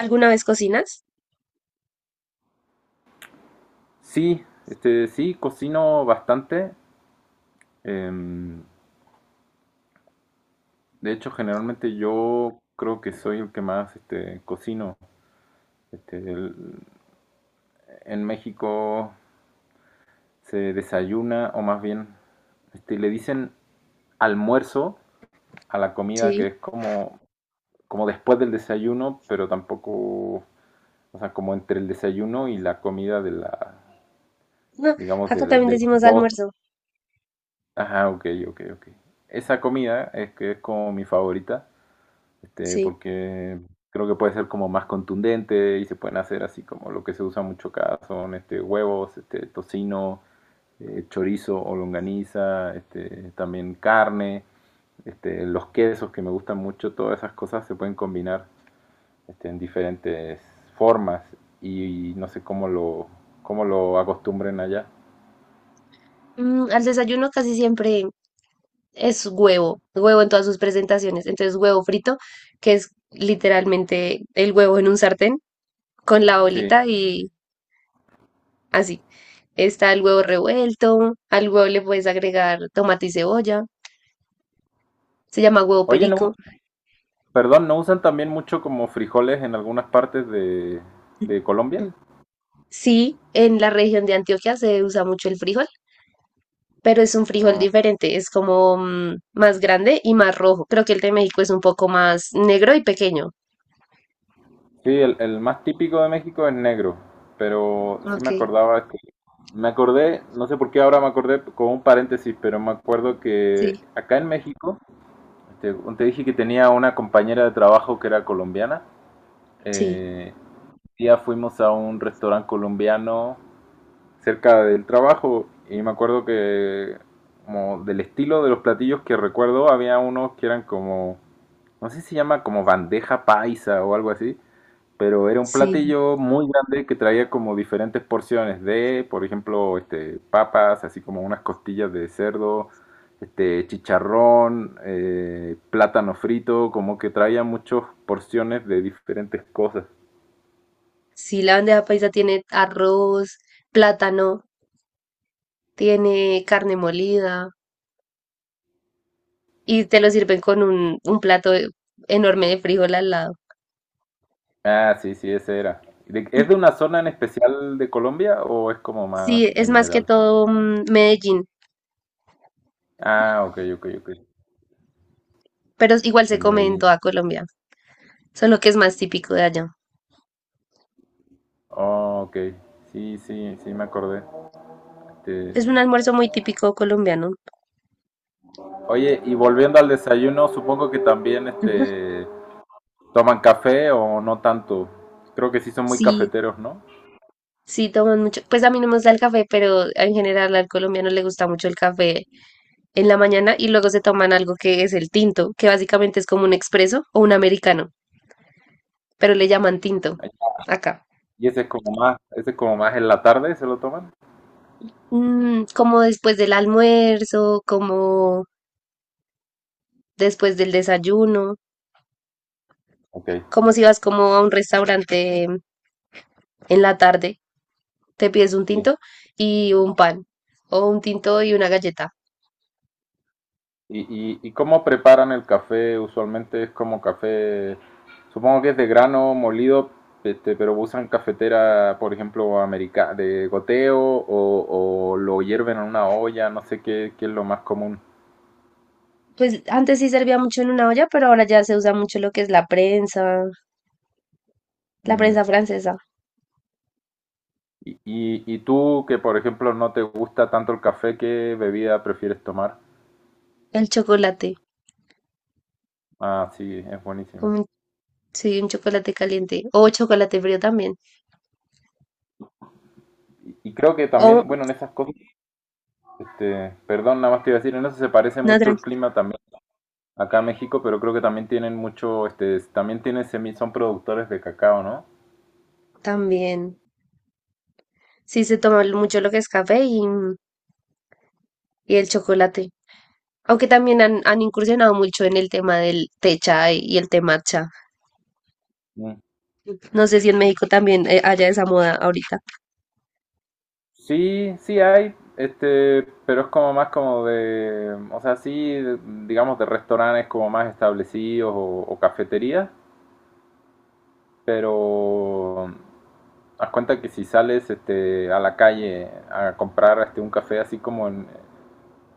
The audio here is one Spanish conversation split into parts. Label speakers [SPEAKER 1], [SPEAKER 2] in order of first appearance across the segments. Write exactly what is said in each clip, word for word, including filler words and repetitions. [SPEAKER 1] ¿Alguna vez cocinas?
[SPEAKER 2] Sí, este, sí, cocino bastante. Em, de hecho, generalmente yo creo que soy el que más este, cocino. Este, el- en México se desayuna, o más bien, este, le dicen almuerzo a la comida que
[SPEAKER 1] Sí.
[SPEAKER 2] es como, como después del desayuno, pero tampoco, o sea, como entre el desayuno y la comida de la,
[SPEAKER 1] No,
[SPEAKER 2] digamos, de,
[SPEAKER 1] acá también
[SPEAKER 2] de las
[SPEAKER 1] decimos
[SPEAKER 2] dos.
[SPEAKER 1] almuerzo.
[SPEAKER 2] Ajá, ok, ok, ok. Esa comida es que es como mi favorita. Este,
[SPEAKER 1] Sí.
[SPEAKER 2] porque creo que puede ser como más contundente y se pueden hacer así como lo que se usa mucho acá son este, huevos, este, tocino, eh, chorizo o longaniza, este, también carne, este, los quesos que me gustan mucho, todas esas cosas se pueden combinar este, en diferentes formas y, no sé cómo lo, cómo lo acostumbren allá.
[SPEAKER 1] Mm, al desayuno casi siempre es huevo, huevo en todas sus presentaciones. Entonces, huevo frito, que es literalmente el huevo en un sartén con la
[SPEAKER 2] Sí.
[SPEAKER 1] bolita y así. Está el huevo revuelto, al huevo le puedes agregar tomate y cebolla, se llama huevo
[SPEAKER 2] Oye, no,
[SPEAKER 1] perico.
[SPEAKER 2] perdón, ¿no usan también mucho como frijoles en algunas partes de, de Colombia?
[SPEAKER 1] Mm. Sí, en la región de Antioquia se usa mucho el frijol, pero es un frijol
[SPEAKER 2] Ah.
[SPEAKER 1] diferente, es como mm, más grande y más rojo. Creo que el de México es un poco más negro y pequeño.
[SPEAKER 2] Sí, el, el más típico de México es negro, pero sí
[SPEAKER 1] Ok,
[SPEAKER 2] me acordaba que me acordé, no sé por qué ahora me acordé con un paréntesis, pero me acuerdo que
[SPEAKER 1] sí,
[SPEAKER 2] acá en México, te, te dije que tenía una compañera de trabajo que era colombiana.
[SPEAKER 1] sí,
[SPEAKER 2] Eh, un día fuimos a un restaurante colombiano cerca del trabajo y me acuerdo que como del estilo de los platillos que recuerdo había unos que eran como, no sé si se llama como bandeja paisa o algo así, pero era un
[SPEAKER 1] sí,
[SPEAKER 2] platillo muy grande que traía como diferentes porciones de, por ejemplo, este, papas, así como unas costillas de cerdo, este, chicharrón, eh, plátano frito, como que traía muchas porciones de diferentes cosas.
[SPEAKER 1] sí, la bandeja paisa tiene arroz, plátano, tiene carne molida y te lo sirven con un, un plato e- enorme de frijol al lado.
[SPEAKER 2] Ah, sí, sí, ese era. ¿De- ¿Es de una zona en especial de Colombia o es como más
[SPEAKER 1] Sí, es más que
[SPEAKER 2] general?
[SPEAKER 1] todo mm, Medellín,
[SPEAKER 2] Ah, ok, ok, ok.
[SPEAKER 1] pero igual se
[SPEAKER 2] De
[SPEAKER 1] come en
[SPEAKER 2] Medellín.
[SPEAKER 1] toda Colombia, solo que es más típico de allá.
[SPEAKER 2] Oh, ok. Sí, sí, sí, me acordé. Este,
[SPEAKER 1] Es un almuerzo muy típico colombiano.
[SPEAKER 2] oye, y volviendo al desayuno, supongo que también
[SPEAKER 1] Ujú.
[SPEAKER 2] este, toman café o no tanto. Creo que sí son muy
[SPEAKER 1] Sí,
[SPEAKER 2] cafeteros, ¿no?
[SPEAKER 1] sí, toman mucho. Pues a mí no me gusta el café, pero en general al colombiano le gusta mucho el café en la mañana y luego se toman algo que es el tinto, que básicamente es como un expreso o un americano, pero le llaman tinto acá.
[SPEAKER 2] Y ese es como más, ese es como más en la tarde, ¿se lo toman?
[SPEAKER 1] Mm, como después del almuerzo, como después del desayuno,
[SPEAKER 2] Ok,
[SPEAKER 1] como si vas como a un restaurante en la tarde, te pides un
[SPEAKER 2] sí.
[SPEAKER 1] tinto y un pan o un tinto y una galleta.
[SPEAKER 2] ¿Y, y, y cómo preparan el café? Usualmente es como café, supongo que es de grano molido, este, pero usan cafetera, por ejemplo, america, de goteo o, o lo hierven en una olla, no sé qué, qué es lo más común.
[SPEAKER 1] Pues antes sí servía mucho en una olla, pero ahora ya se usa mucho lo que es la prensa La
[SPEAKER 2] Mm.
[SPEAKER 1] prensa francesa,
[SPEAKER 2] Y, y, y tú, que por ejemplo no te gusta tanto el café, ¿qué bebida prefieres tomar?
[SPEAKER 1] el chocolate,
[SPEAKER 2] Ah, sí, es
[SPEAKER 1] como
[SPEAKER 2] buenísimo.
[SPEAKER 1] un- sí, un chocolate caliente o chocolate frío también,
[SPEAKER 2] Y, y creo que
[SPEAKER 1] o
[SPEAKER 2] también, bueno, en esas cosas, este, perdón, nada más te iba a decir, en eso se parece
[SPEAKER 1] una
[SPEAKER 2] mucho
[SPEAKER 1] tran-
[SPEAKER 2] el clima también acá a México, pero creo que también tienen mucho, este, también tienen semi, son productores de cacao, ¿no?
[SPEAKER 1] también. Sí, se toma lo- mucho lo que es café y, y el chocolate. Aunque también han, han incursionado mucho en el tema del té chai y el té matcha.
[SPEAKER 2] Mm.
[SPEAKER 1] No sé si en México también eh, haya esa moda ahorita.
[SPEAKER 2] Sí, sí hay, este, pero es como más como de, o sea, sí, de- digamos de restaurantes como más establecidos o, o cafeterías, pero haz cuenta que si sales este, a la calle a comprar este, un café así como en,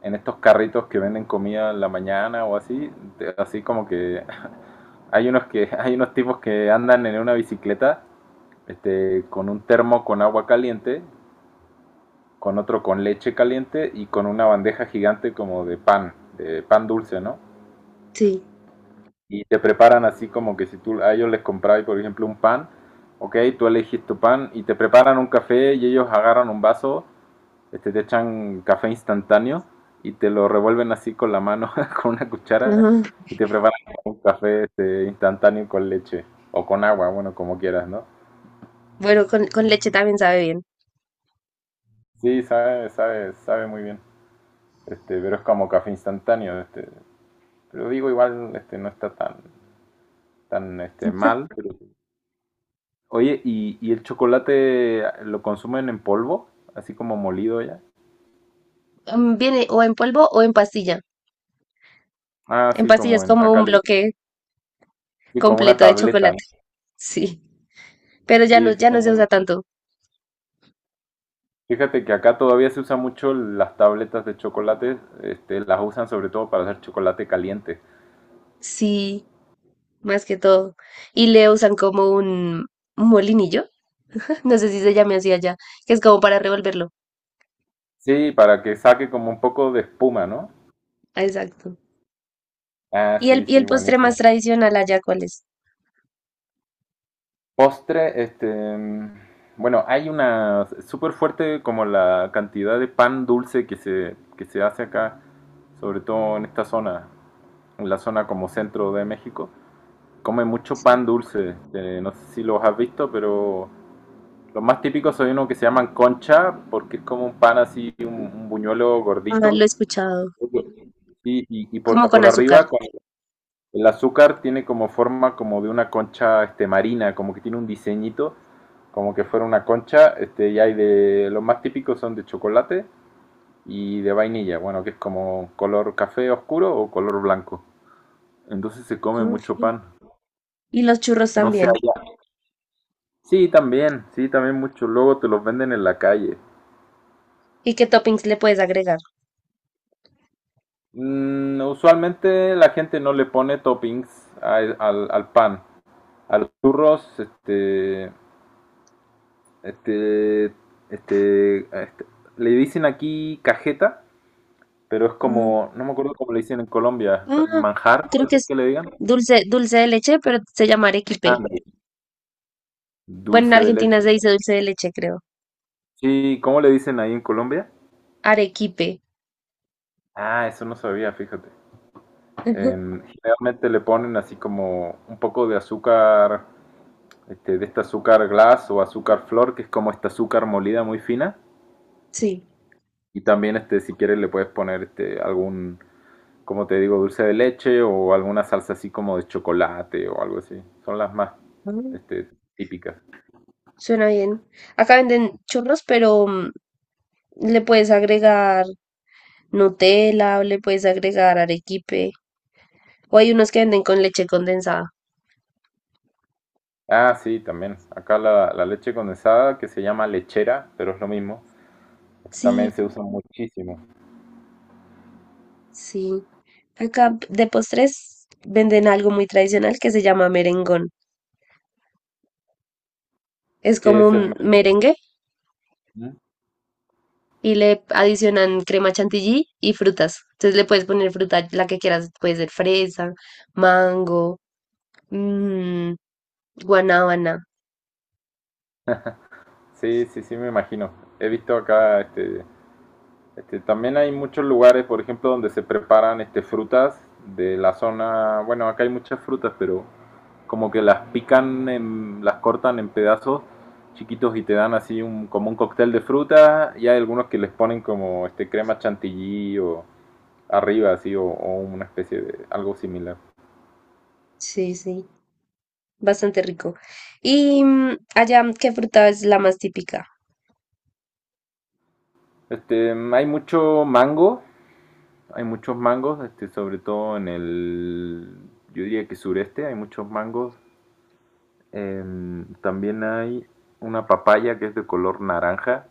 [SPEAKER 2] en estos carritos que venden comida en la mañana o así, te- así como que hay unos que hay unos tipos que andan en una bicicleta este, con un termo con agua caliente, con otro con leche caliente y con una bandeja gigante como de pan, de pan dulce, ¿no?
[SPEAKER 1] Sí.
[SPEAKER 2] Y te preparan así como que si tú a ellos les comprabas, por ejemplo, un pan, ok, tú elegís tu pan y te preparan un café y ellos agarran un vaso este, te echan café instantáneo y te lo revuelven así con la mano, con una cuchara,
[SPEAKER 1] Ajá.
[SPEAKER 2] y te preparan un café este, instantáneo con leche o con agua, bueno, como quieras, ¿no?
[SPEAKER 1] Bueno, con, con leche también sabe bien.
[SPEAKER 2] Sí, sabe, sabe, sabe muy bien, este, pero es como café instantáneo, este, pero digo igual, este, no está tan, tan, este, mal. Pero- oye, ¿y, y el chocolate lo consumen en polvo, así como molido ya?
[SPEAKER 1] Mm, viene o en polvo o en pastilla.
[SPEAKER 2] Ah,
[SPEAKER 1] En
[SPEAKER 2] sí,
[SPEAKER 1] pastilla
[SPEAKER 2] como
[SPEAKER 1] es
[SPEAKER 2] en,
[SPEAKER 1] como
[SPEAKER 2] acá
[SPEAKER 1] un
[SPEAKER 2] le,
[SPEAKER 1] bloque
[SPEAKER 2] sí, como una
[SPEAKER 1] completo de
[SPEAKER 2] tableta, ¿no?
[SPEAKER 1] chocolate. Sí. Pero ya
[SPEAKER 2] Sí,
[SPEAKER 1] no,
[SPEAKER 2] esos
[SPEAKER 1] ya no
[SPEAKER 2] son
[SPEAKER 1] se
[SPEAKER 2] muy
[SPEAKER 1] usa
[SPEAKER 2] buenos.
[SPEAKER 1] tanto.
[SPEAKER 2] Fíjate que acá todavía se usa mucho las tabletas de chocolate, este, las usan sobre todo para hacer chocolate caliente.
[SPEAKER 1] Sí, más que todo. Y le usan como un un molinillo, no sé si se llame así allá, que es como para revolverlo.
[SPEAKER 2] Sí, para que saque como un poco de espuma, ¿no?
[SPEAKER 1] Ah, exacto.
[SPEAKER 2] Ah,
[SPEAKER 1] ¿Y el,
[SPEAKER 2] sí,
[SPEAKER 1] y el
[SPEAKER 2] sí,
[SPEAKER 1] postre más
[SPEAKER 2] buenísimo.
[SPEAKER 1] tradicional allá cuál es?
[SPEAKER 2] Postre, este, mm, bueno, hay una súper fuerte como la cantidad de pan dulce que se, que se hace acá, sobre todo en esta zona, en la zona como centro de México. Come mucho
[SPEAKER 1] Sí.
[SPEAKER 2] pan dulce, este, no sé si los has visto, pero los más típicos son unos que se llaman concha, porque es como un pan así, un, un buñuelo
[SPEAKER 1] Ah,
[SPEAKER 2] gordito.
[SPEAKER 1] lo he escuchado.
[SPEAKER 2] Y, y, y por,
[SPEAKER 1] Como con
[SPEAKER 2] por
[SPEAKER 1] azúcar.
[SPEAKER 2] arriba, con el azúcar tiene como forma como de una concha este, marina, como que tiene un diseñito, como que fuera una concha. Este, y hay de. Los más típicos son de chocolate y de vainilla, bueno, que es como color café oscuro o color blanco. Entonces se come mucho
[SPEAKER 1] Ok.
[SPEAKER 2] pan.
[SPEAKER 1] Y los churros
[SPEAKER 2] No sé
[SPEAKER 1] también.
[SPEAKER 2] allá. Sí, también, sí, también mucho. Luego te los venden en la calle.
[SPEAKER 1] ¿Y qué toppings le puedes agregar?
[SPEAKER 2] Mm, usualmente la gente no le pone toppings a- e, al, al pan, a los churros, este, este, este, este- le dicen aquí cajeta, pero es como, no me acuerdo cómo le dicen en Colombia, ta-
[SPEAKER 1] Ah,
[SPEAKER 2] manjar,
[SPEAKER 1] creo
[SPEAKER 2] puede
[SPEAKER 1] que
[SPEAKER 2] ser
[SPEAKER 1] es
[SPEAKER 2] que le digan.
[SPEAKER 1] dulce, dulce de leche, pero se llama
[SPEAKER 2] Ah,
[SPEAKER 1] arequipe. Bueno, en
[SPEAKER 2] dulce de
[SPEAKER 1] Argentina
[SPEAKER 2] leche.
[SPEAKER 1] se dice dulce de leche, creo.
[SPEAKER 2] Sí, ¿cómo le dicen ahí en Colombia?
[SPEAKER 1] Arequipe.
[SPEAKER 2] Ah, eso no sabía, fíjate.
[SPEAKER 1] Ujú,
[SPEAKER 2] Em, generalmente le ponen así como un poco de azúcar este, de este azúcar glass o azúcar flor, que es como esta azúcar molida muy fina.
[SPEAKER 1] sí.
[SPEAKER 2] Y también, este, si quieres, le puedes poner este, algún, como te digo, dulce de leche o alguna salsa así como de chocolate o algo así. Son las más
[SPEAKER 1] Mm,
[SPEAKER 2] este, típicas.
[SPEAKER 1] suena bien. Acá venden churros, pero mm, le puedes agregar Nutella o le puedes agregar arequipe. O hay unos que venden con leche condensada.
[SPEAKER 2] Ah, sí, también. Acá la, la leche condensada, que se llama lechera, pero es lo mismo. Este también
[SPEAKER 1] Sí,
[SPEAKER 2] se usa muchísimo.
[SPEAKER 1] sí. Acá de postres venden algo muy tradicional que se llama merengón. Es
[SPEAKER 2] ¿Qué
[SPEAKER 1] como
[SPEAKER 2] es el
[SPEAKER 1] un
[SPEAKER 2] mermelada?
[SPEAKER 1] merengue y le adicionan crema chantilly y frutas. Entonces le puedes poner fruta, la que quieras, puede ser fresa, mango, mm, guanábana.
[SPEAKER 2] Sí, sí, sí, me imagino. He visto acá este, este, también hay muchos lugares, por ejemplo, donde se preparan este, frutas de la zona, bueno, acá hay muchas frutas, pero como que las pican, en- las cortan en pedazos chiquitos y te dan así un, como un cóctel de fruta y hay algunos que les ponen como este crema chantilly o arriba así o, o una especie de algo similar.
[SPEAKER 1] Sí, sí, bastante rico. Y mm, allá, ¿qué fruta es la más típica?
[SPEAKER 2] Este, hay mucho mango, hay muchos mangos, este, sobre todo en el, yo diría que sureste, hay muchos mangos. Eh, también hay una papaya que es de color naranja,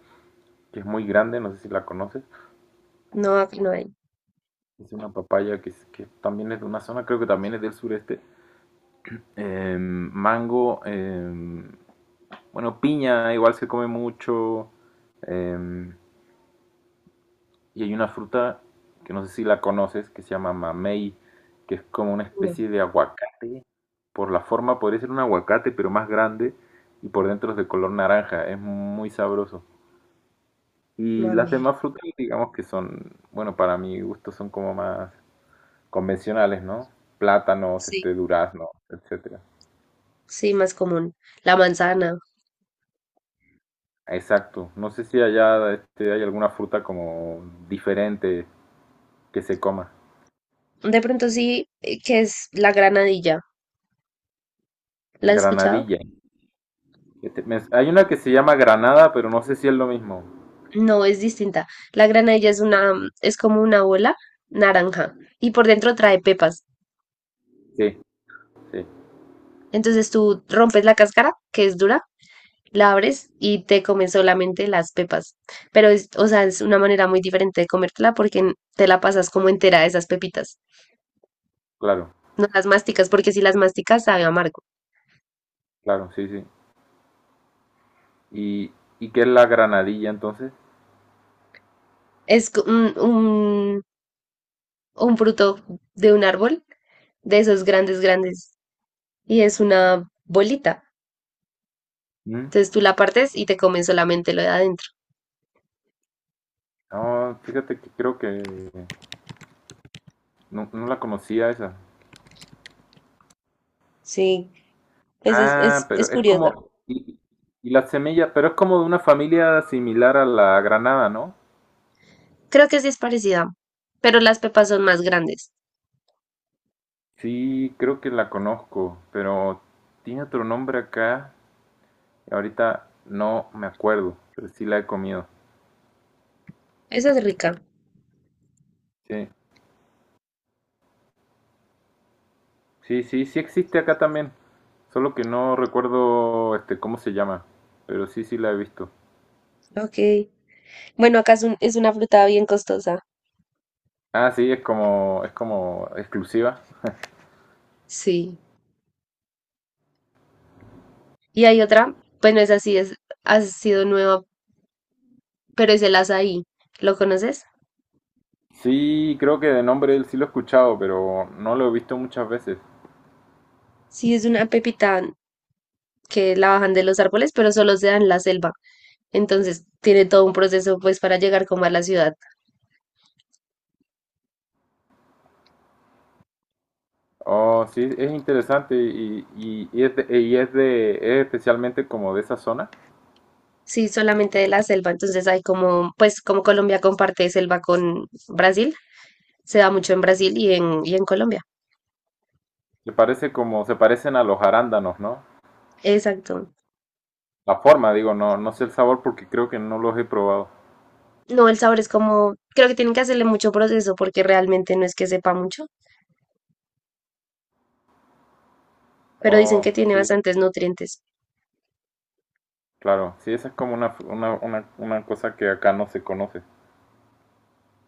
[SPEAKER 2] que es muy grande, no sé si la conoces.
[SPEAKER 1] No, aquí no hay.
[SPEAKER 2] Es una papaya que, es- que también es de una zona, creo que también es del sureste. Eh, mango, eh, bueno, piña igual se come mucho. Eh, y hay una fruta que no sé si la conoces, que se llama mamey, que es como una
[SPEAKER 1] No,
[SPEAKER 2] especie de aguacate. Por la forma podría ser un aguacate, pero más grande y por dentro es de color naranja. Es muy sabroso. Y las
[SPEAKER 1] mami.
[SPEAKER 2] demás frutas, digamos que son, bueno, para mi gusto son como más convencionales, ¿no? Plátanos,
[SPEAKER 1] Sí,
[SPEAKER 2] este, durazno, etcétera.
[SPEAKER 1] sí, más común. La manzana.
[SPEAKER 2] Exacto. No sé si allá este, hay alguna fruta como diferente que se coma.
[SPEAKER 1] De pronto sí, eh, que es la granadilla. ¿La has escuchado?
[SPEAKER 2] Granadilla. Este, me- hay una que se llama granada, pero no sé si es lo mismo.
[SPEAKER 1] No, es distinta. La granadilla es una, es como una bola naranja y por dentro trae pepas.
[SPEAKER 2] Sí, sí,
[SPEAKER 1] Entonces tú rompes la cáscara, que es dura, la abres y te comes solamente las pepas. Pero es, o sea, es una manera muy diferente de comértela porque n- te la pasas como entera de esas pepitas.
[SPEAKER 2] claro,
[SPEAKER 1] No las masticas, porque si las masticas sabe amargo.
[SPEAKER 2] claro, sí, sí. ¿Y, y qué es la granadilla entonces?
[SPEAKER 1] Es co- un, un, un fruto de un árbol, de esos grandes, grandes, y es una bolita.
[SPEAKER 2] ¿Mm?
[SPEAKER 1] Entonces tú la partes y te comes solamente lo de adentro.
[SPEAKER 2] No, fíjate que creo que no, no la conocía esa.
[SPEAKER 1] Sí, Es, es,
[SPEAKER 2] Ah,
[SPEAKER 1] es, es
[SPEAKER 2] pero es
[SPEAKER 1] curiosa.
[SPEAKER 2] como, y, y la semilla, pero es como de una familia similar a la granada, ¿no?
[SPEAKER 1] Creo que sí es parecida, pero las pepas son más grandes.
[SPEAKER 2] Sí, creo que la conozco, pero tiene otro nombre acá, y ahorita no me acuerdo, pero sí la he comido.
[SPEAKER 1] Esa es rica.
[SPEAKER 2] Sí, sí, sí, sí existe acá también, solo que no recuerdo este cómo se llama, pero sí, sí la he visto.
[SPEAKER 1] Ok. Bueno, acá es, un- es una fruta bien costosa.
[SPEAKER 2] Ah, sí, es como, es como exclusiva.
[SPEAKER 1] Sí. Y hay otra, bueno, es así, es, ha sido nueva, pero es el azaí. ¿Lo conoces?
[SPEAKER 2] Sí, creo que de nombre él sí lo he escuchado, pero no lo he visto muchas veces.
[SPEAKER 1] Sí, es una pepita que la bajan de los árboles, pero solo se da en la selva. Entonces tiene todo un proceso pues para llegar como a la ciudad.
[SPEAKER 2] Oh, sí, es interesante y, y, y es de, y es de, es especialmente como de esa zona.
[SPEAKER 1] Sí, solamente de la selva. Entonces hay como, pues como Colombia comparte selva con Brasil, se da mucho en Brasil y en, y en Colombia.
[SPEAKER 2] Se parece como, se parecen a los arándanos, ¿no?
[SPEAKER 1] Exacto.
[SPEAKER 2] La forma, digo, no, no sé el sabor porque creo que no los he probado.
[SPEAKER 1] No, el sabor es como, creo que tienen que hacerle mucho proceso porque realmente no es que sepa mucho, pero dicen
[SPEAKER 2] Oh,
[SPEAKER 1] que tiene
[SPEAKER 2] sí,
[SPEAKER 1] bastantes nutrientes.
[SPEAKER 2] claro. Sí, esa es como una, una, una, una cosa que acá no se conoce.